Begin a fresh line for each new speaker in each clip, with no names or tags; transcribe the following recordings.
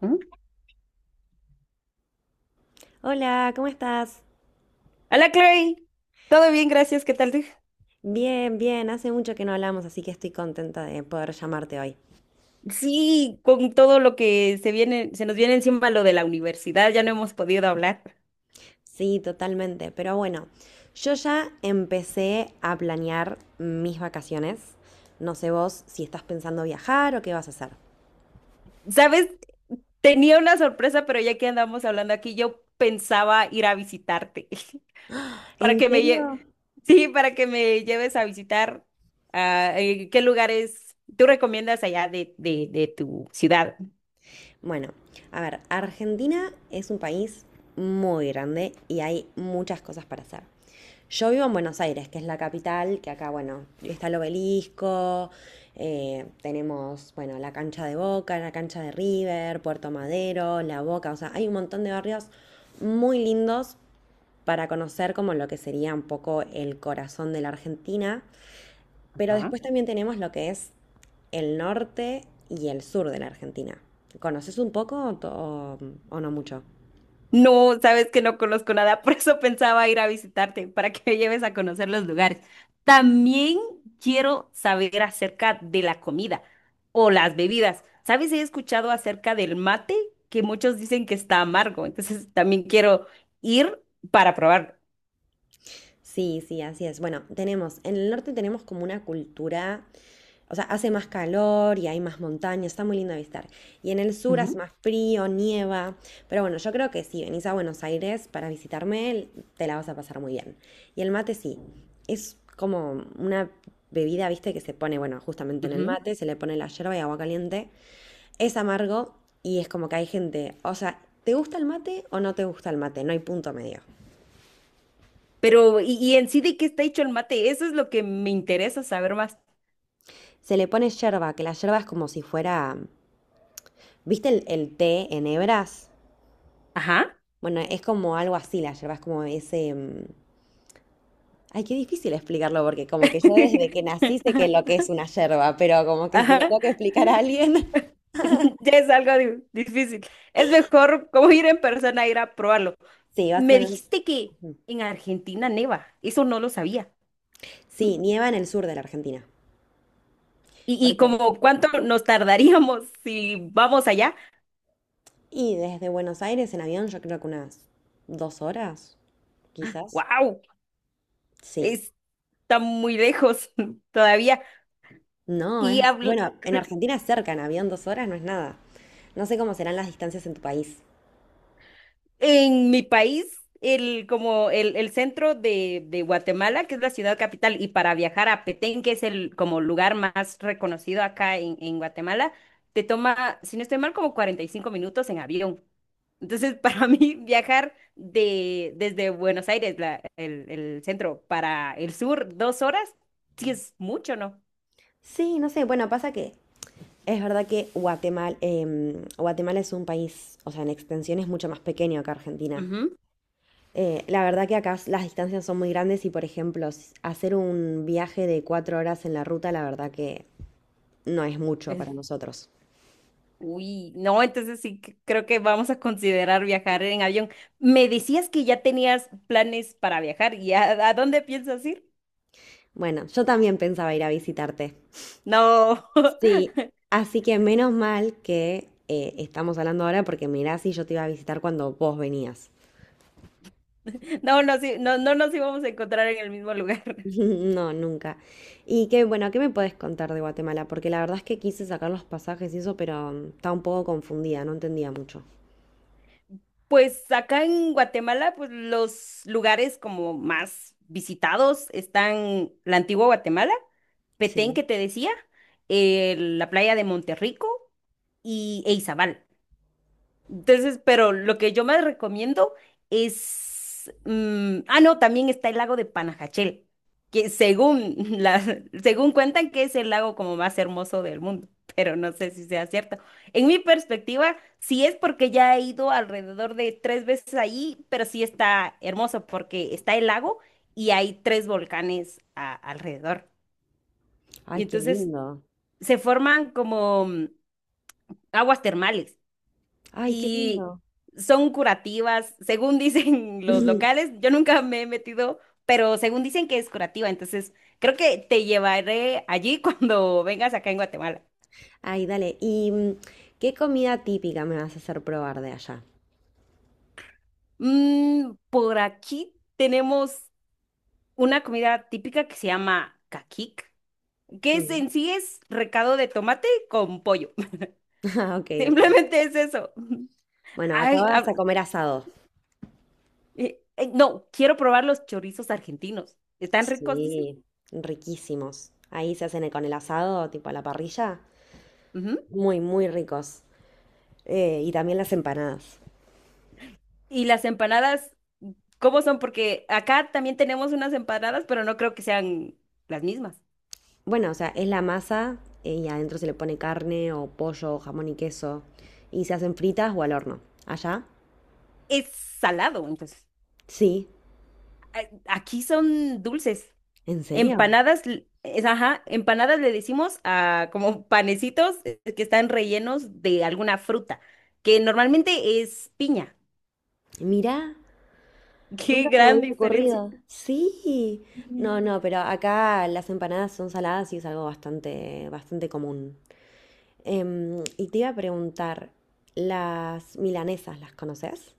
¿Mm?
Hola, ¿cómo estás?
Hola Chloe, todo bien, gracias, ¿qué tal tú?
Bien, bien, hace mucho que no hablamos, así que estoy contenta de poder llamarte hoy.
Sí, con todo lo que se viene, se nos viene encima lo de la universidad, ya no hemos podido hablar.
Sí, totalmente, pero bueno, yo ya empecé a planear mis vacaciones. No sé vos si estás pensando viajar o qué vas a hacer.
¿Sabes? Tenía una sorpresa, pero ya que andamos hablando aquí, yo pensaba ir a visitarte para
¿En
que
serio?
sí, para que me lleves a visitar qué lugares tú recomiendas allá de tu ciudad.
Bueno, a ver, Argentina es un país muy grande y hay muchas cosas para hacer. Yo vivo en Buenos Aires, que es la capital, que acá, bueno, está el obelisco, tenemos, bueno, la cancha de Boca, la cancha de River, Puerto Madero, La Boca, o sea, hay un montón de barrios muy lindos para conocer como lo que sería un poco el corazón de la Argentina. Pero después también tenemos lo que es el norte y el sur de la Argentina. ¿Conoces un poco o, o no mucho?
No, sabes que no conozco nada, por eso pensaba ir a visitarte, para que me lleves a conocer los lugares. También quiero saber acerca de la comida o las bebidas. ¿Sabes? He escuchado acerca del mate, que muchos dicen que está amargo, entonces también quiero ir para probarlo.
Sí, sí, así es. Bueno, tenemos, en el norte tenemos como una cultura, o sea, hace más calor y hay más montañas, está muy lindo de visitar. Y en el sur hace
Ujú,
más frío, nieva, pero bueno, yo creo que si venís a Buenos Aires para visitarme, te la vas a pasar muy bien. Y el mate sí, es como una bebida, viste, que se pone, bueno, justamente en el
ujú.
mate, se le pone la yerba y agua caliente. Es amargo y es como que hay gente, o sea, ¿te gusta el mate o no te gusta el mate? No hay punto medio.
Pero, ¿y en sí de qué está hecho el mate? Eso es lo que me interesa saber más.
Se le pone yerba, que la yerba es como si fuera. ¿Viste el té en hebras?
Ajá.
Bueno, es como algo así, la yerba es como ese. Ay, qué difícil explicarlo, porque como que yo desde que nací sé que lo que es una yerba, pero como que se lo
Ajá.
tengo que explicar a alguien.
Ya es algo difícil. Es mejor como ir en persona, ir a probarlo.
Sí, vas a
Me
tener.
dijiste que en Argentina neva. Eso no lo sabía.
Sí, nieva en el sur de la Argentina.
Y,
¿Por
y
qué?
como cuánto nos tardaríamos si vamos allá.
Y desde Buenos Aires en avión, yo creo que unas 2 horas, quizás.
¡Wow!
Sí.
Está muy lejos todavía.
No,
Y
es.
hablo.
Bueno, en Argentina es cerca, en avión 2 horas no es nada. No sé cómo serán las distancias en tu país.
En mi país, el centro de Guatemala, que es la ciudad capital, y para viajar a Petén, que es el como lugar más reconocido acá en Guatemala, te toma, si no estoy mal, como 45 minutos en avión. Entonces, para mí, viajar desde Buenos Aires, el centro, para el sur, 2 horas, sí es mucho, ¿no?
Sí, no sé, bueno, pasa que es verdad que Guatemala, Guatemala es un país, o sea, en extensión es mucho más pequeño que Argentina.
Ujú.
La verdad que acá las distancias son muy grandes y, por ejemplo, hacer un viaje de 4 horas en la ruta, la verdad que no es mucho para nosotros.
Uy, no, entonces sí creo que vamos a considerar viajar en avión. Me decías que ya tenías planes para viajar ¿a dónde piensas ir?
Bueno, yo también pensaba ir a visitarte.
No,
Sí, así que menos mal que estamos hablando ahora porque mirá si yo te iba a visitar cuando vos venías.
no, sí, no nos íbamos a encontrar en el mismo lugar.
No, nunca. Y qué, bueno, ¿qué me puedes contar de Guatemala? Porque la verdad es que quise sacar los pasajes y eso, pero estaba un poco confundida, no entendía mucho.
Pues acá en Guatemala, pues los lugares como más visitados están la antigua Guatemala, Petén
Sí.
que te decía, la playa de Monterrico y e Izabal. Entonces, pero lo que yo más recomiendo es... no, también está el lago de Panajachel, que según, la, según cuentan que es el lago como más hermoso del mundo, pero no sé si sea cierto. En mi perspectiva, sí es porque ya he ido alrededor de 3 veces ahí, pero sí está hermoso porque está el lago y hay 3 volcanes alrededor.
Ay,
Y
qué
entonces
lindo.
se forman como aguas termales
Ay, qué
y
lindo.
son curativas, según dicen los locales. Yo nunca me he metido, pero según dicen que es curativa, entonces creo que te llevaré allí cuando vengas acá en Guatemala.
Ay, dale. ¿Y qué comida típica me vas a hacer probar de allá?
Mm, por aquí tenemos una comida típica que se llama caquic, que es,
Mm.
en sí es recado de tomate con pollo.
Ah, Ok, ok.
Simplemente es eso.
Bueno, acá
Ay,
vas a comer asado.
no, quiero probar los chorizos argentinos. ¿Están ricos, dicen?
Sí, riquísimos. Ahí se hacen con el asado, tipo a la parrilla.
Ujú.
Muy, muy ricos. Y también las empanadas.
Y las empanadas, ¿cómo son? Porque acá también tenemos unas empanadas, pero no creo que sean las mismas.
Bueno, o sea, es la masa y adentro se le pone carne o pollo o jamón y queso y se hacen fritas o al horno. ¿Allá?
Es salado, entonces.
Sí.
A- Aquí son dulces.
¿En serio?
Empanadas, ajá, empanadas le decimos a como panecitos que están rellenos de alguna fruta, que normalmente es piña.
Mirá,
Qué
nunca se me
gran
hubiera
diferencia.
ocurrido. Sí. No, no, pero acá las empanadas son saladas y es algo bastante, bastante común. Y te iba a preguntar, ¿las milanesas las conoces?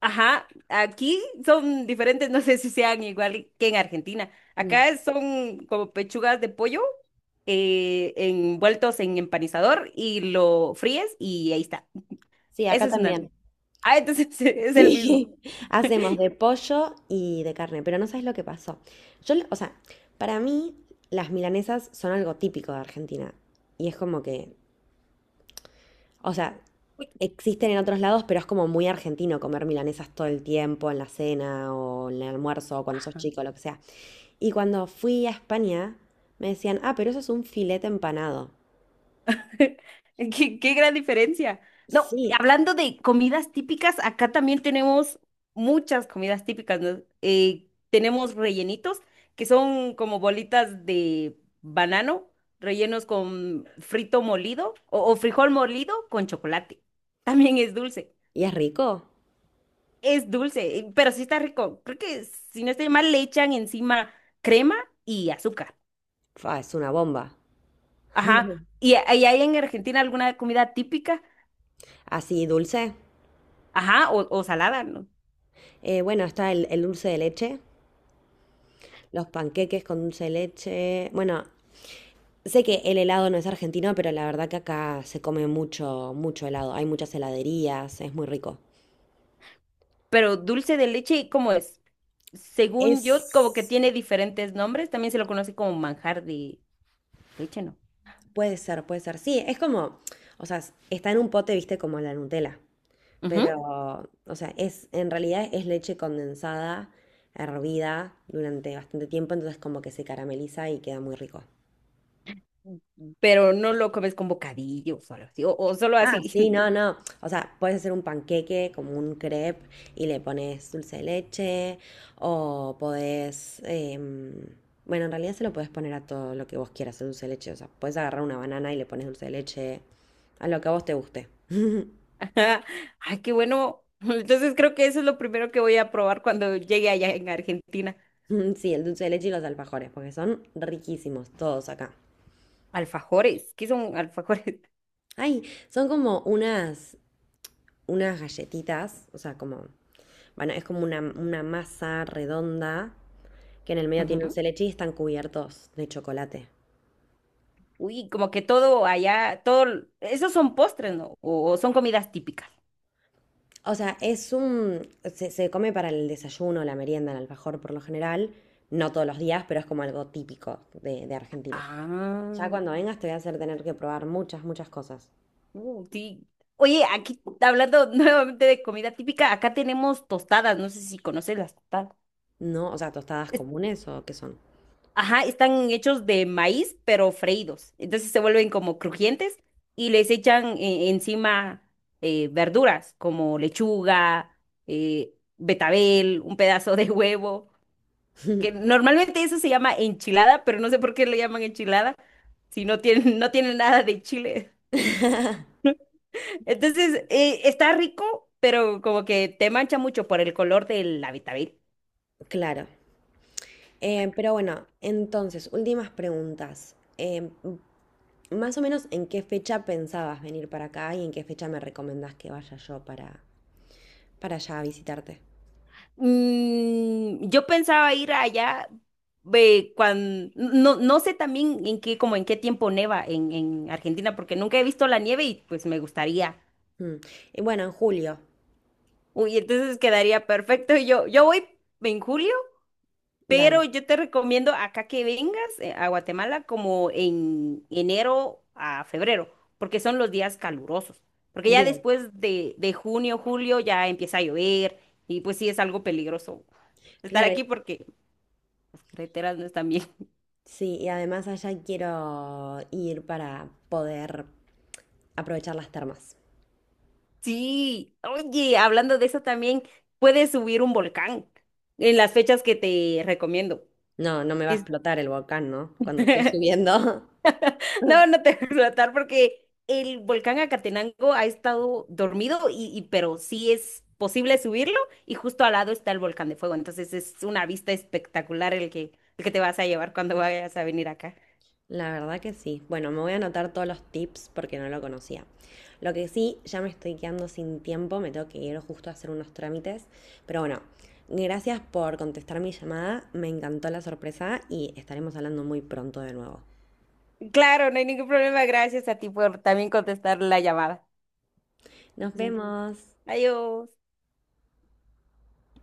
Ajá, aquí son diferentes, no sé si sean igual que en Argentina.
Mm.
Acá son como pechugas de pollo envueltos en empanizador y lo fríes y ahí está.
Sí, acá
Ese es una.
también.
Ah, entonces es el mismo.
Sí, hacemos de pollo y de carne, pero no sabes lo que pasó. Yo, o sea, para mí las milanesas son algo típico de Argentina y es como que, o sea,
Uy.
existen en otros lados, pero es como muy argentino comer milanesas todo el tiempo en la cena o en el almuerzo o cuando sos chico, lo que sea. Y cuando fui a España me decían, ah, pero eso es un filete empanado.
Qué gran diferencia. No,
Sí,
hablando de comidas típicas, acá también tenemos muchas comidas típicas, ¿no? Tenemos rellenitos, que son como bolitas de banano, rellenos con frito molido o frijol molido con chocolate. También es dulce.
y es rico.
Es dulce, pero sí está rico. Creo que si no estoy mal, le echan encima crema y azúcar.
Fa, es una bomba.
Ajá. ¿Y hay en Argentina alguna comida típica?
Así dulce.
Ajá, o salada, ¿no?
Bueno, está el dulce de leche. Los panqueques con dulce de leche. Bueno, sé que el helado no es argentino, pero la verdad que acá se come mucho, mucho helado. Hay muchas heladerías, es muy rico.
Pero dulce de leche, ¿cómo es? Según yo, como que
Es,
tiene diferentes nombres. También se lo conoce como manjar de leche, ¿no?
puede ser, puede ser. Sí, es como, o sea, está en un pote, viste, como la Nutella.
Ujú.
Pero, o sea, es, en realidad es leche condensada, hervida durante bastante tiempo, entonces como que se carameliza y queda muy rico.
Pero no lo comes con bocadillos o solo así, o solo
Ah,
así.
sí, no, no. O sea, puedes hacer un panqueque como un crepe y le pones dulce de leche o podés... bueno, en realidad se lo podés poner a todo lo que vos quieras, el dulce de leche. O sea, podés agarrar una banana y le pones dulce de leche a lo que a vos te guste.
Ajá. Ay, qué bueno. Entonces creo que eso es lo primero que voy a probar cuando llegue allá en Argentina.
Sí, el dulce de leche y los alfajores, porque son riquísimos todos acá.
Alfajores. ¿Qué son alfajores?
Ay, son como unas, unas galletitas, o sea, como... Bueno, es como una masa redonda que en el medio tiene un
Ujú.
celechi y están cubiertos de chocolate.
Uy, como que todo allá, todo, esos son postres, ¿no? O son comidas típicas.
O sea, es un... Se come para el desayuno, la merienda, el alfajor por lo general. No todos los días, pero es como algo típico de Argentina. Ya
Ah.
cuando vengas te voy a hacer tener que probar muchas, muchas cosas.
Sí. Oye, aquí hablando nuevamente de comida típica, acá tenemos tostadas, no sé si conoces las tostadas.
No, o sea, tostadas
Es-
comunes o qué son.
Ajá, están hechos de maíz, pero freídos. Entonces se vuelven como crujientes y les echan encima verduras como lechuga, betabel, un pedazo de huevo, que normalmente eso se llama enchilada, pero no sé por qué le llaman enchilada si no tienen, no tienen nada de chile. Entonces, está rico, pero como que te mancha mucho por el color del Habitábil.
Claro. Pero bueno, entonces, últimas preguntas. Más o menos, ¿en qué fecha pensabas venir para acá y en qué fecha me recomendás que vaya yo para allá a visitarte?
Mm, yo pensaba ir allá cuando no, no sé también en qué, como en qué tiempo neva en Argentina, porque nunca he visto la nieve y pues me gustaría.
Mm. Y bueno, en julio,
Uy, entonces quedaría perfecto. Yo voy en julio. Pero
dale,
yo te recomiendo acá que vengas a Guatemala como en enero a febrero, porque son los días calurosos. Porque ya
bien.
después de junio, julio ya empieza a llover y pues sí es algo peligroso estar
Claro,
aquí porque las carreteras no están bien.
sí, y además allá quiero ir para poder aprovechar las termas.
Sí, oye, hablando de eso también, puedes subir un volcán en las fechas que te recomiendo.
No, no me va a
Es-
explotar el volcán, ¿no? Cuando estoy subiendo.
No, no te voy a explotar porque el volcán Acatenango ha estado dormido pero sí es posible subirlo y justo al lado está el volcán de fuego. Entonces es una vista espectacular el que te vas a llevar cuando vayas a venir acá.
La verdad que sí. Bueno, me voy a anotar todos los tips porque no lo conocía. Lo que sí, ya me estoy quedando sin tiempo, me tengo que ir justo a hacer unos trámites. Pero bueno, gracias por contestar mi llamada, me encantó la sorpresa y estaremos hablando muy pronto de nuevo.
Claro, no hay ningún problema. Gracias a ti por también contestar la llamada.
Nos vemos.
Adiós.